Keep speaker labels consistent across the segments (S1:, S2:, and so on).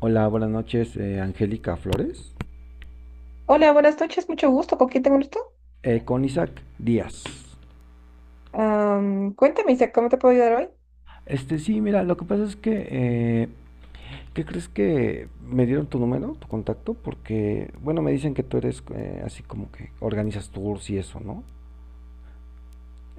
S1: Hola, buenas noches, Angélica Flores.
S2: Hola, buenas noches, mucho gusto. ¿Con quién tengo el gusto?
S1: Con Isaac Díaz.
S2: Cuéntame, Isa, ¿cómo te puedo ayudar hoy?
S1: Sí, mira, lo que pasa es que, eh, ¿qué crees que me dieron tu número, tu contacto? Porque, bueno, me dicen que tú eres así como que organizas tours y eso, ¿no?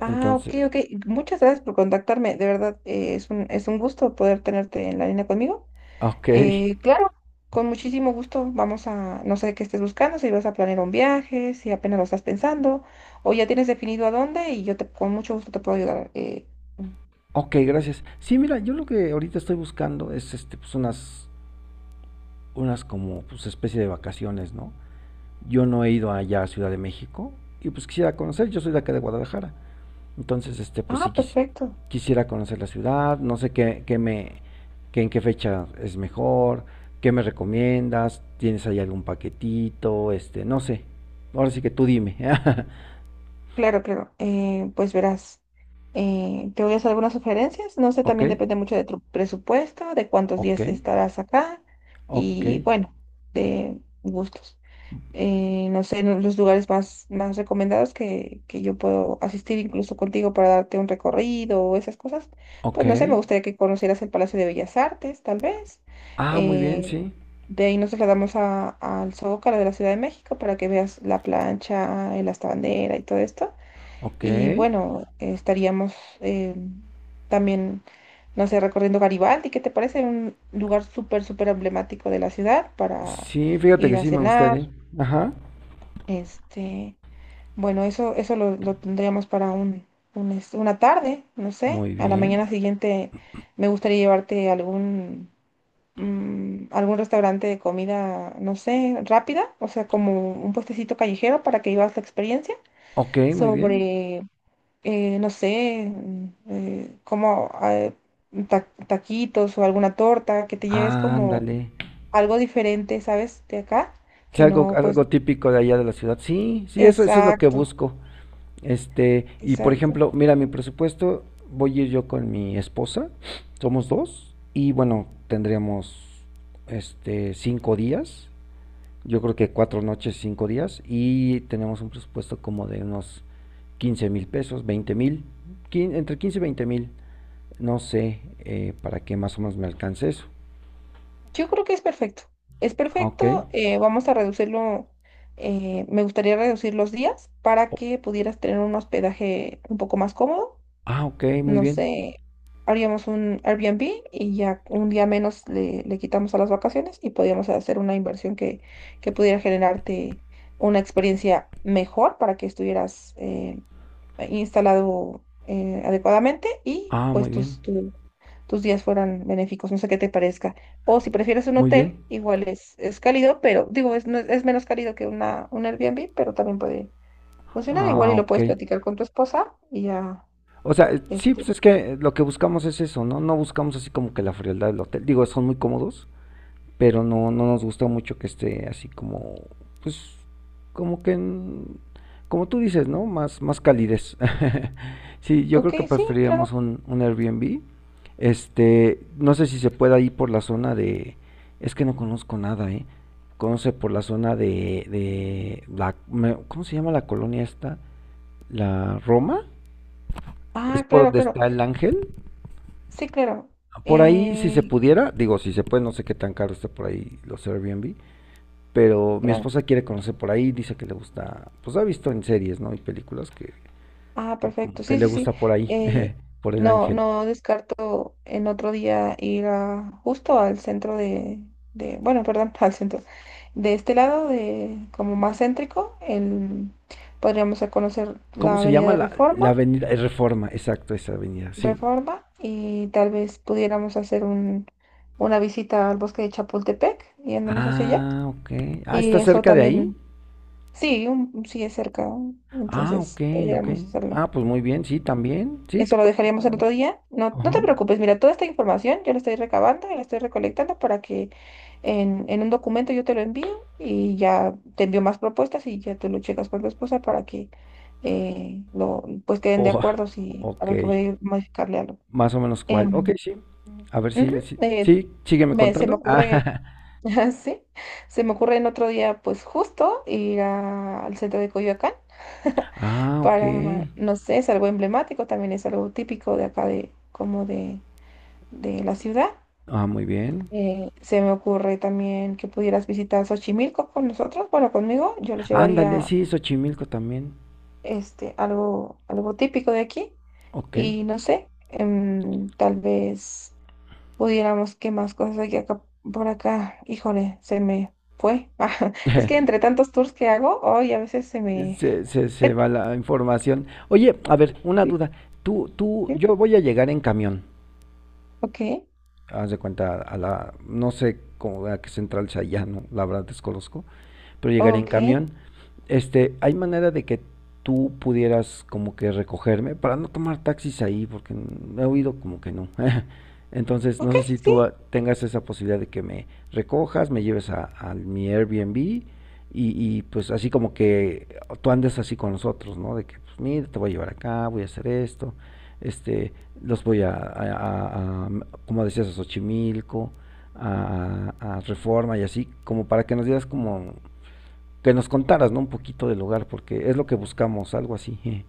S2: Ah, ok,
S1: Entonces,
S2: ok. Muchas gracias por contactarme. De verdad, es un gusto poder tenerte en la línea conmigo.
S1: ok,
S2: Claro, con muchísimo gusto. Vamos a, no sé qué estés buscando, si vas a planear un viaje, si apenas lo estás pensando, o ya tienes definido a dónde y yo te, con mucho gusto te puedo ayudar.
S1: ok, gracias. Sí, mira, yo lo que ahorita estoy buscando es, pues unas, unas como, pues especie de vacaciones, ¿no? Yo no he ido allá a Ciudad de México y pues quisiera conocer, yo soy de acá de Guadalajara. Entonces, pues sí
S2: Ah, perfecto.
S1: quisiera conocer la ciudad, no sé qué, qué me, qué en qué fecha es mejor, qué me recomiendas, tienes ahí algún paquetito, no sé. Ahora sí que tú dime.
S2: Claro, claro. Pues verás, te voy a hacer algunas sugerencias. No sé,
S1: Ok,
S2: también depende mucho de tu presupuesto, de cuántos
S1: ok,
S2: días estarás acá
S1: ok,
S2: y bueno, de gustos. No sé, los lugares más, más recomendados que yo puedo asistir incluso contigo para darte un recorrido o esas cosas.
S1: ok.
S2: Pues no sé, me gustaría que conocieras el Palacio de Bellas Artes, tal vez.
S1: Ah, muy bien,
S2: Eh,
S1: sí.
S2: de ahí nos trasladamos al Zócalo de la Ciudad de México para que veas la plancha, el hasta bandera y todo esto.
S1: Ok.
S2: Y bueno, estaríamos eh, también, no sé, recorriendo Garibaldi, ¿qué te parece? Un lugar súper, súper emblemático de la ciudad para
S1: Sí, fíjate que
S2: ir a
S1: sí me
S2: cenar.
S1: gustaría. Ajá.
S2: Este, bueno, eso lo tendríamos para un, una tarde, no sé.
S1: Muy
S2: A la
S1: bien.
S2: mañana siguiente me gustaría llevarte a algún, algún restaurante de comida, no sé, rápida, o sea, como un puestecito callejero para que vivas la experiencia
S1: Ok, muy bien.
S2: sobre no sé, eh, como eh, taquitos o alguna torta, que te lleves como
S1: Ándale.
S2: algo diferente, ¿sabes? De acá,
S1: Sí,
S2: que
S1: algo,
S2: no, pues,
S1: algo típico de allá de la ciudad. Sí, sí, eso es lo que
S2: exacto,
S1: busco. Y por
S2: exacto.
S1: ejemplo, mira, mi presupuesto, voy a ir yo con mi esposa, somos dos, y bueno, tendríamos este cinco días, yo creo que cuatro noches, cinco días, y tenemos un presupuesto como de unos 15 mil pesos, 20 mil, entre 15 y 20 mil, no sé, para que más o menos me alcance eso.
S2: Yo creo que es
S1: Ah, ok.
S2: perfecto, vamos a reducirlo, me gustaría reducir los días para
S1: O-
S2: que pudieras tener un hospedaje un poco más cómodo,
S1: ah, ok, muy
S2: no
S1: bien.
S2: sé, haríamos un Airbnb y ya un día menos le, le quitamos a las vacaciones y podíamos hacer una inversión que pudiera generarte una experiencia mejor para que estuvieras instalado adecuadamente y
S1: Ah, muy
S2: pues
S1: bien.
S2: tus, tus días fueran benéficos, no sé qué te parezca. O si prefieres un
S1: Muy
S2: hotel,
S1: bien.
S2: igual es cálido, pero digo, es, es menos cálido que una, un Airbnb, pero también puede funcionar
S1: Ah,
S2: igual y lo
S1: ok.
S2: puedes platicar con tu esposa y ya.
S1: O sea, sí,
S2: Este,
S1: pues es que lo que buscamos es eso, ¿no? No buscamos así como que la frialdad del hotel. Digo, son muy cómodos, pero no, no nos gusta mucho que esté así como, pues, como que, en- como tú dices, ¿no? Más, más calidez. Sí, yo creo
S2: ok,
S1: que
S2: sí, claro.
S1: preferiríamos un Airbnb. No sé si se pueda ir por la zona de, es que no conozco nada, ¿eh? Conoce por la zona de la, ¿cómo se llama la colonia esta? ¿La Roma? ¿Es
S2: Ah,
S1: por
S2: claro,
S1: donde
S2: claro.
S1: está el ángel?
S2: Sí, claro.
S1: Por ahí, si
S2: Eh,
S1: se pudiera, digo, si se puede, no sé qué tan caro esté por ahí los Airbnb, pero mi
S2: claro.
S1: esposa quiere conocer por ahí, dice que le gusta, pues ha visto en series, ¿no? Y películas
S2: Ah,
S1: que
S2: perfecto.
S1: como que
S2: Sí,
S1: le
S2: sí, sí.
S1: gusta por ahí,
S2: Eh,
S1: por el
S2: no,
S1: ángel.
S2: no descarto en otro día ir a, justo al centro de, bueno, perdón, al centro. De este lado, de como más céntrico, el, podríamos a conocer
S1: ¿Cómo
S2: la
S1: se
S2: Avenida
S1: llama
S2: de
S1: la,
S2: Reforma,
S1: la avenida? Reforma, exacto, esa avenida, sí.
S2: Reforma, y tal vez pudiéramos hacer un, una visita al bosque de Chapultepec, yéndonos hacia allá.
S1: Ah, ok. Ah,
S2: Y
S1: ¿está
S2: eso
S1: cerca de ahí?
S2: también. Sí, sí es cerca,
S1: Ah, ok,
S2: entonces
S1: ok.
S2: podríamos hacerlo.
S1: Ah, pues muy bien, sí, también. Sí,
S2: Eso
S1: todo
S2: lo
S1: lo que se
S2: dejaríamos
S1: pueda
S2: el
S1: ver.
S2: otro día. No, no
S1: Ajá.
S2: te preocupes, mira, toda esta información yo la estoy recabando, la estoy recolectando para que en un documento yo te lo envío y ya te envío más propuestas y ya tú lo checas con tu esposa para que lo, pues queden de
S1: Oh,
S2: acuerdo si a
S1: ok.
S2: ver cómo hay que modificarle algo.
S1: Más o menos cuál. Ok,
S2: Em,
S1: sí. A ver
S2: ujú,
S1: si,
S2: eh,
S1: sí, sígueme
S2: se me
S1: contando.
S2: ocurre Sí, se me ocurre en otro día, pues justo ir al centro de Coyoacán
S1: Ah, ah, ok.
S2: para, no sé, es algo emblemático, también es algo típico de acá de, como de la ciudad.
S1: Ah, muy bien.
S2: Se me ocurre también que pudieras visitar Xochimilco con nosotros, bueno, conmigo, yo los
S1: Ándale,
S2: llevaría.
S1: sí, Xochimilco también.
S2: Este, algo, algo típico de aquí
S1: Ok.
S2: y no sé, tal vez pudiéramos, ¿qué más cosas hay acá por acá? Híjole, se me fue. Ajá. Es que entre tantos tours que hago, hoy a veces se me...
S1: Se va la información. Oye, a ver, una
S2: Sí.
S1: duda.
S2: Sí.
S1: Yo voy a llegar en camión.
S2: Ok,
S1: Haz de cuenta a la, no sé cómo, a qué central sea allá, no, la verdad desconozco. Pero llegaría en
S2: ok,
S1: camión. ¿Hay manera de que tú pudieras como que recogerme para no tomar taxis ahí? Porque he oído como que no. Entonces, no
S2: ok,
S1: sé si
S2: sí.
S1: tú tengas esa posibilidad de que me recojas, me lleves a mi Airbnb y, pues así como que tú andes así con nosotros, ¿no? De que, pues mira, te voy a llevar acá, voy a hacer esto, este, los voy a, a- como decías, a Xochimilco, a Reforma y así, como para que nos dieras como que nos contaras, ¿no? Un poquito del hogar, porque es lo que buscamos, algo así.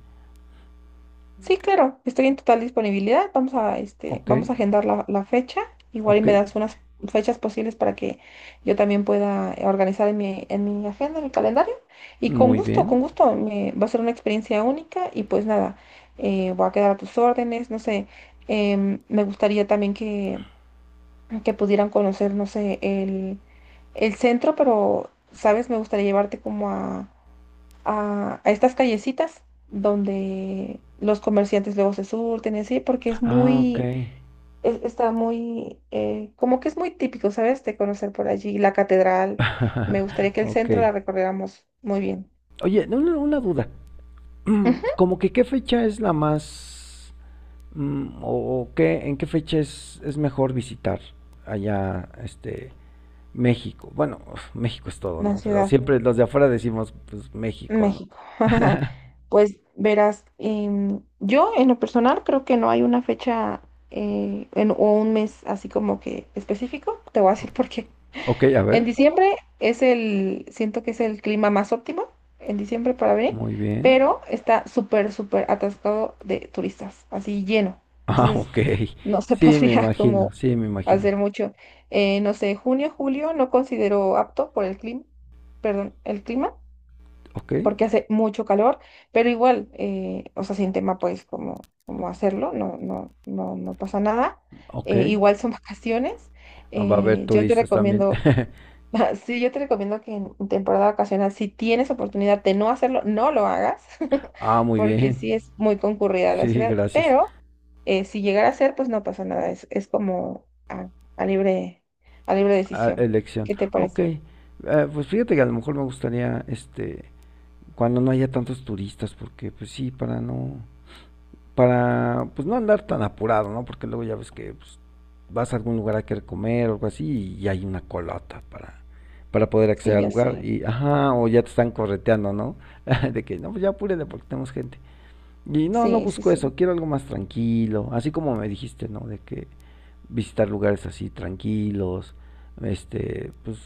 S2: Sí, claro, estoy en total disponibilidad. Vamos a, este,
S1: Ok,
S2: vamos a agendar la, la fecha. Igual y
S1: ok,
S2: me das unas fechas posibles para que yo también pueda organizar en mi agenda, en mi calendario. Y
S1: muy
S2: con
S1: bien.
S2: gusto, me, va a ser una experiencia única y pues nada, voy a quedar a tus órdenes, no sé, me gustaría también que pudieran conocer, no sé, el centro, pero, ¿sabes? Me gustaría llevarte como a estas callecitas donde los comerciantes luego se surten, y así, porque es
S1: Ah, ok.
S2: muy, está muy, como que es muy típico, ¿sabes? De conocer por allí la catedral. Me gustaría que el
S1: ok.
S2: centro la recorriéramos muy bien.
S1: Oye, una duda.
S2: Ujú.
S1: Como que qué fecha es la más... o qué, en qué fecha es mejor visitar allá, México? Bueno, México es todo,
S2: La
S1: ¿no? Pero
S2: ciudad,
S1: siempre los de afuera decimos, pues, México, ¿no?
S2: México. Pues verás, yo en lo personal creo que no hay una fecha o un mes así como que específico. Te voy a decir por qué.
S1: Ok, a
S2: En
S1: ver.
S2: diciembre es el, siento que es el clima más óptimo en diciembre para venir,
S1: Muy bien.
S2: pero está súper, súper atascado de turistas, así lleno.
S1: Ah,
S2: Entonces
S1: ok.
S2: no se
S1: Sí, me
S2: podría como
S1: imagino, sí, me imagino.
S2: hacer mucho. No sé, junio, julio no considero apto por el clima, perdón, el clima,
S1: Ok,
S2: porque hace mucho calor, pero igual, o sea, sin tema pues como, como hacerlo, no, no, no, no pasa nada.
S1: ok.
S2: Igual son vacaciones.
S1: Ah, va a haber
S2: Yo te
S1: turistas también.
S2: recomiendo Sí, yo te recomiendo que en temporada vacacional, si tienes oportunidad de no hacerlo, no lo hagas,
S1: Ah, muy
S2: porque
S1: bien.
S2: sí es muy concurrida la
S1: Sí,
S2: ciudad,
S1: gracias.
S2: pero si llegara a ser, pues no pasa nada, es como a libre, a libre
S1: Ah,
S2: decisión.
S1: elección.
S2: ¿Qué te
S1: Ah, ok.
S2: parece?
S1: Pues fíjate que a lo mejor me gustaría, cuando no haya tantos turistas, porque pues sí, para no... para pues no andar tan apurado, ¿no? Porque luego ya ves que pues, vas a algún lugar a querer comer o algo así y hay una colota para poder
S2: Sí,
S1: acceder al
S2: ya sé.
S1: lugar y ajá, o ya te están correteando, ¿no? De que no, pues ya apúrele porque tenemos gente. Y no, no
S2: Sí, sí,
S1: busco
S2: sí.
S1: eso, quiero algo más tranquilo, así como me dijiste, ¿no? De que visitar lugares así tranquilos, pues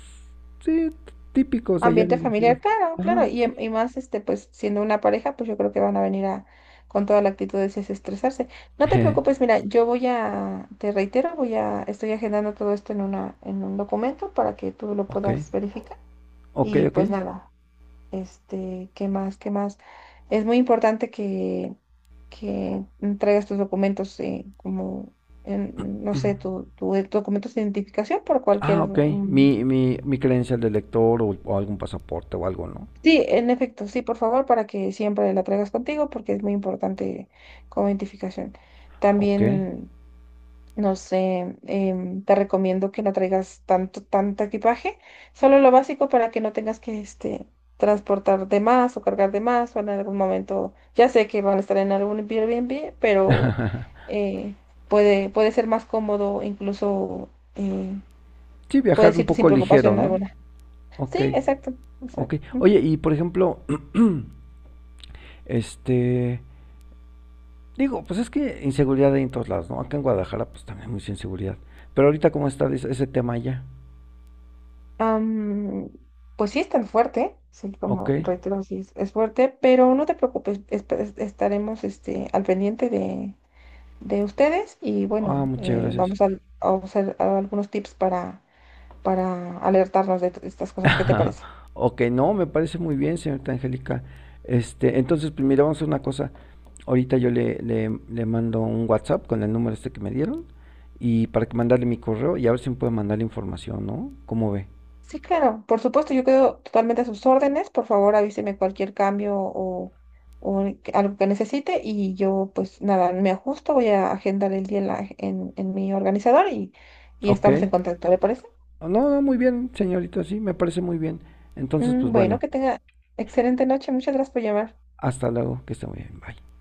S1: sí, típicos de allá
S2: Ambiente
S1: de la ciudad.
S2: familiar, claro, claro.
S1: Ajá,
S2: Y,
S1: sí.
S2: y más, este, pues siendo una pareja, pues yo creo que van a venir a, con toda la actitud de desestresarse. No te preocupes, mira, yo voy a, te reitero, voy a, estoy agendando todo esto en una, en un documento para que tú lo
S1: Ok,
S2: puedas verificar.
S1: ok,
S2: Y
S1: ok.
S2: pues nada, este, ¿qué más? ¿Qué más? Es muy importante que traigas tus documentos, como, no sé, tu documentos de identificación por
S1: Ah,
S2: cualquier.
S1: ok.
S2: Ujú.
S1: Mi credencial de lector o algún pasaporte o algo, ¿no?
S2: Sí, en efecto, sí, por favor, para que siempre la traigas contigo porque es muy importante como identificación.
S1: Ok.
S2: También, no sé, te recomiendo que no traigas tanto, tanto equipaje, solo lo básico para que no tengas que este, transportar de más o cargar de más o en algún momento, ya sé que van a estar en algún Airbnb, pero eh, puede, puede ser más cómodo, incluso
S1: Sí, viajar
S2: puedes
S1: un
S2: irte sin
S1: poco ligero,
S2: preocupación
S1: ¿no?
S2: alguna.
S1: Ok,
S2: Sí, exacto,
S1: ok.
S2: exacto.
S1: Oye,
S2: Ujú.
S1: y por ejemplo, este, digo, pues es que inseguridad hay en todos lados, ¿no? Acá en Guadalajara, pues también hay mucha inseguridad. Pero ahorita, ¿cómo está ese tema ya?
S2: Am, pues sí es tan fuerte, sí,
S1: Ok.
S2: como reitero, sí es fuerte, pero no te preocupes, estaremos este, al pendiente de ustedes y
S1: Ah,
S2: bueno,
S1: muchas gracias.
S2: vamos a usar algunos tips para alertarnos de estas cosas, ¿qué te parece?
S1: Ok, no, me parece muy bien, señorita Angélica. Entonces, pues mira, vamos a hacer una cosa. Ahorita yo le mando un WhatsApp con el número este que me dieron y para que mandarle mi correo y a ver si me puede mandar la información, ¿no? ¿Cómo ve?
S2: Sí, claro, por supuesto, yo quedo totalmente a sus órdenes, por favor avíseme cualquier cambio o algo que necesite y yo pues nada, me ajusto, voy a agendar el día en, en mi organizador y
S1: Ok.
S2: estamos en contacto, ¿le parece?
S1: No, no, muy bien, señorita, sí, me parece muy bien. Entonces, pues
S2: Bueno,
S1: bueno,
S2: que tenga excelente noche. Muchas gracias por llamar.
S1: hasta luego, que esté muy bien, bye.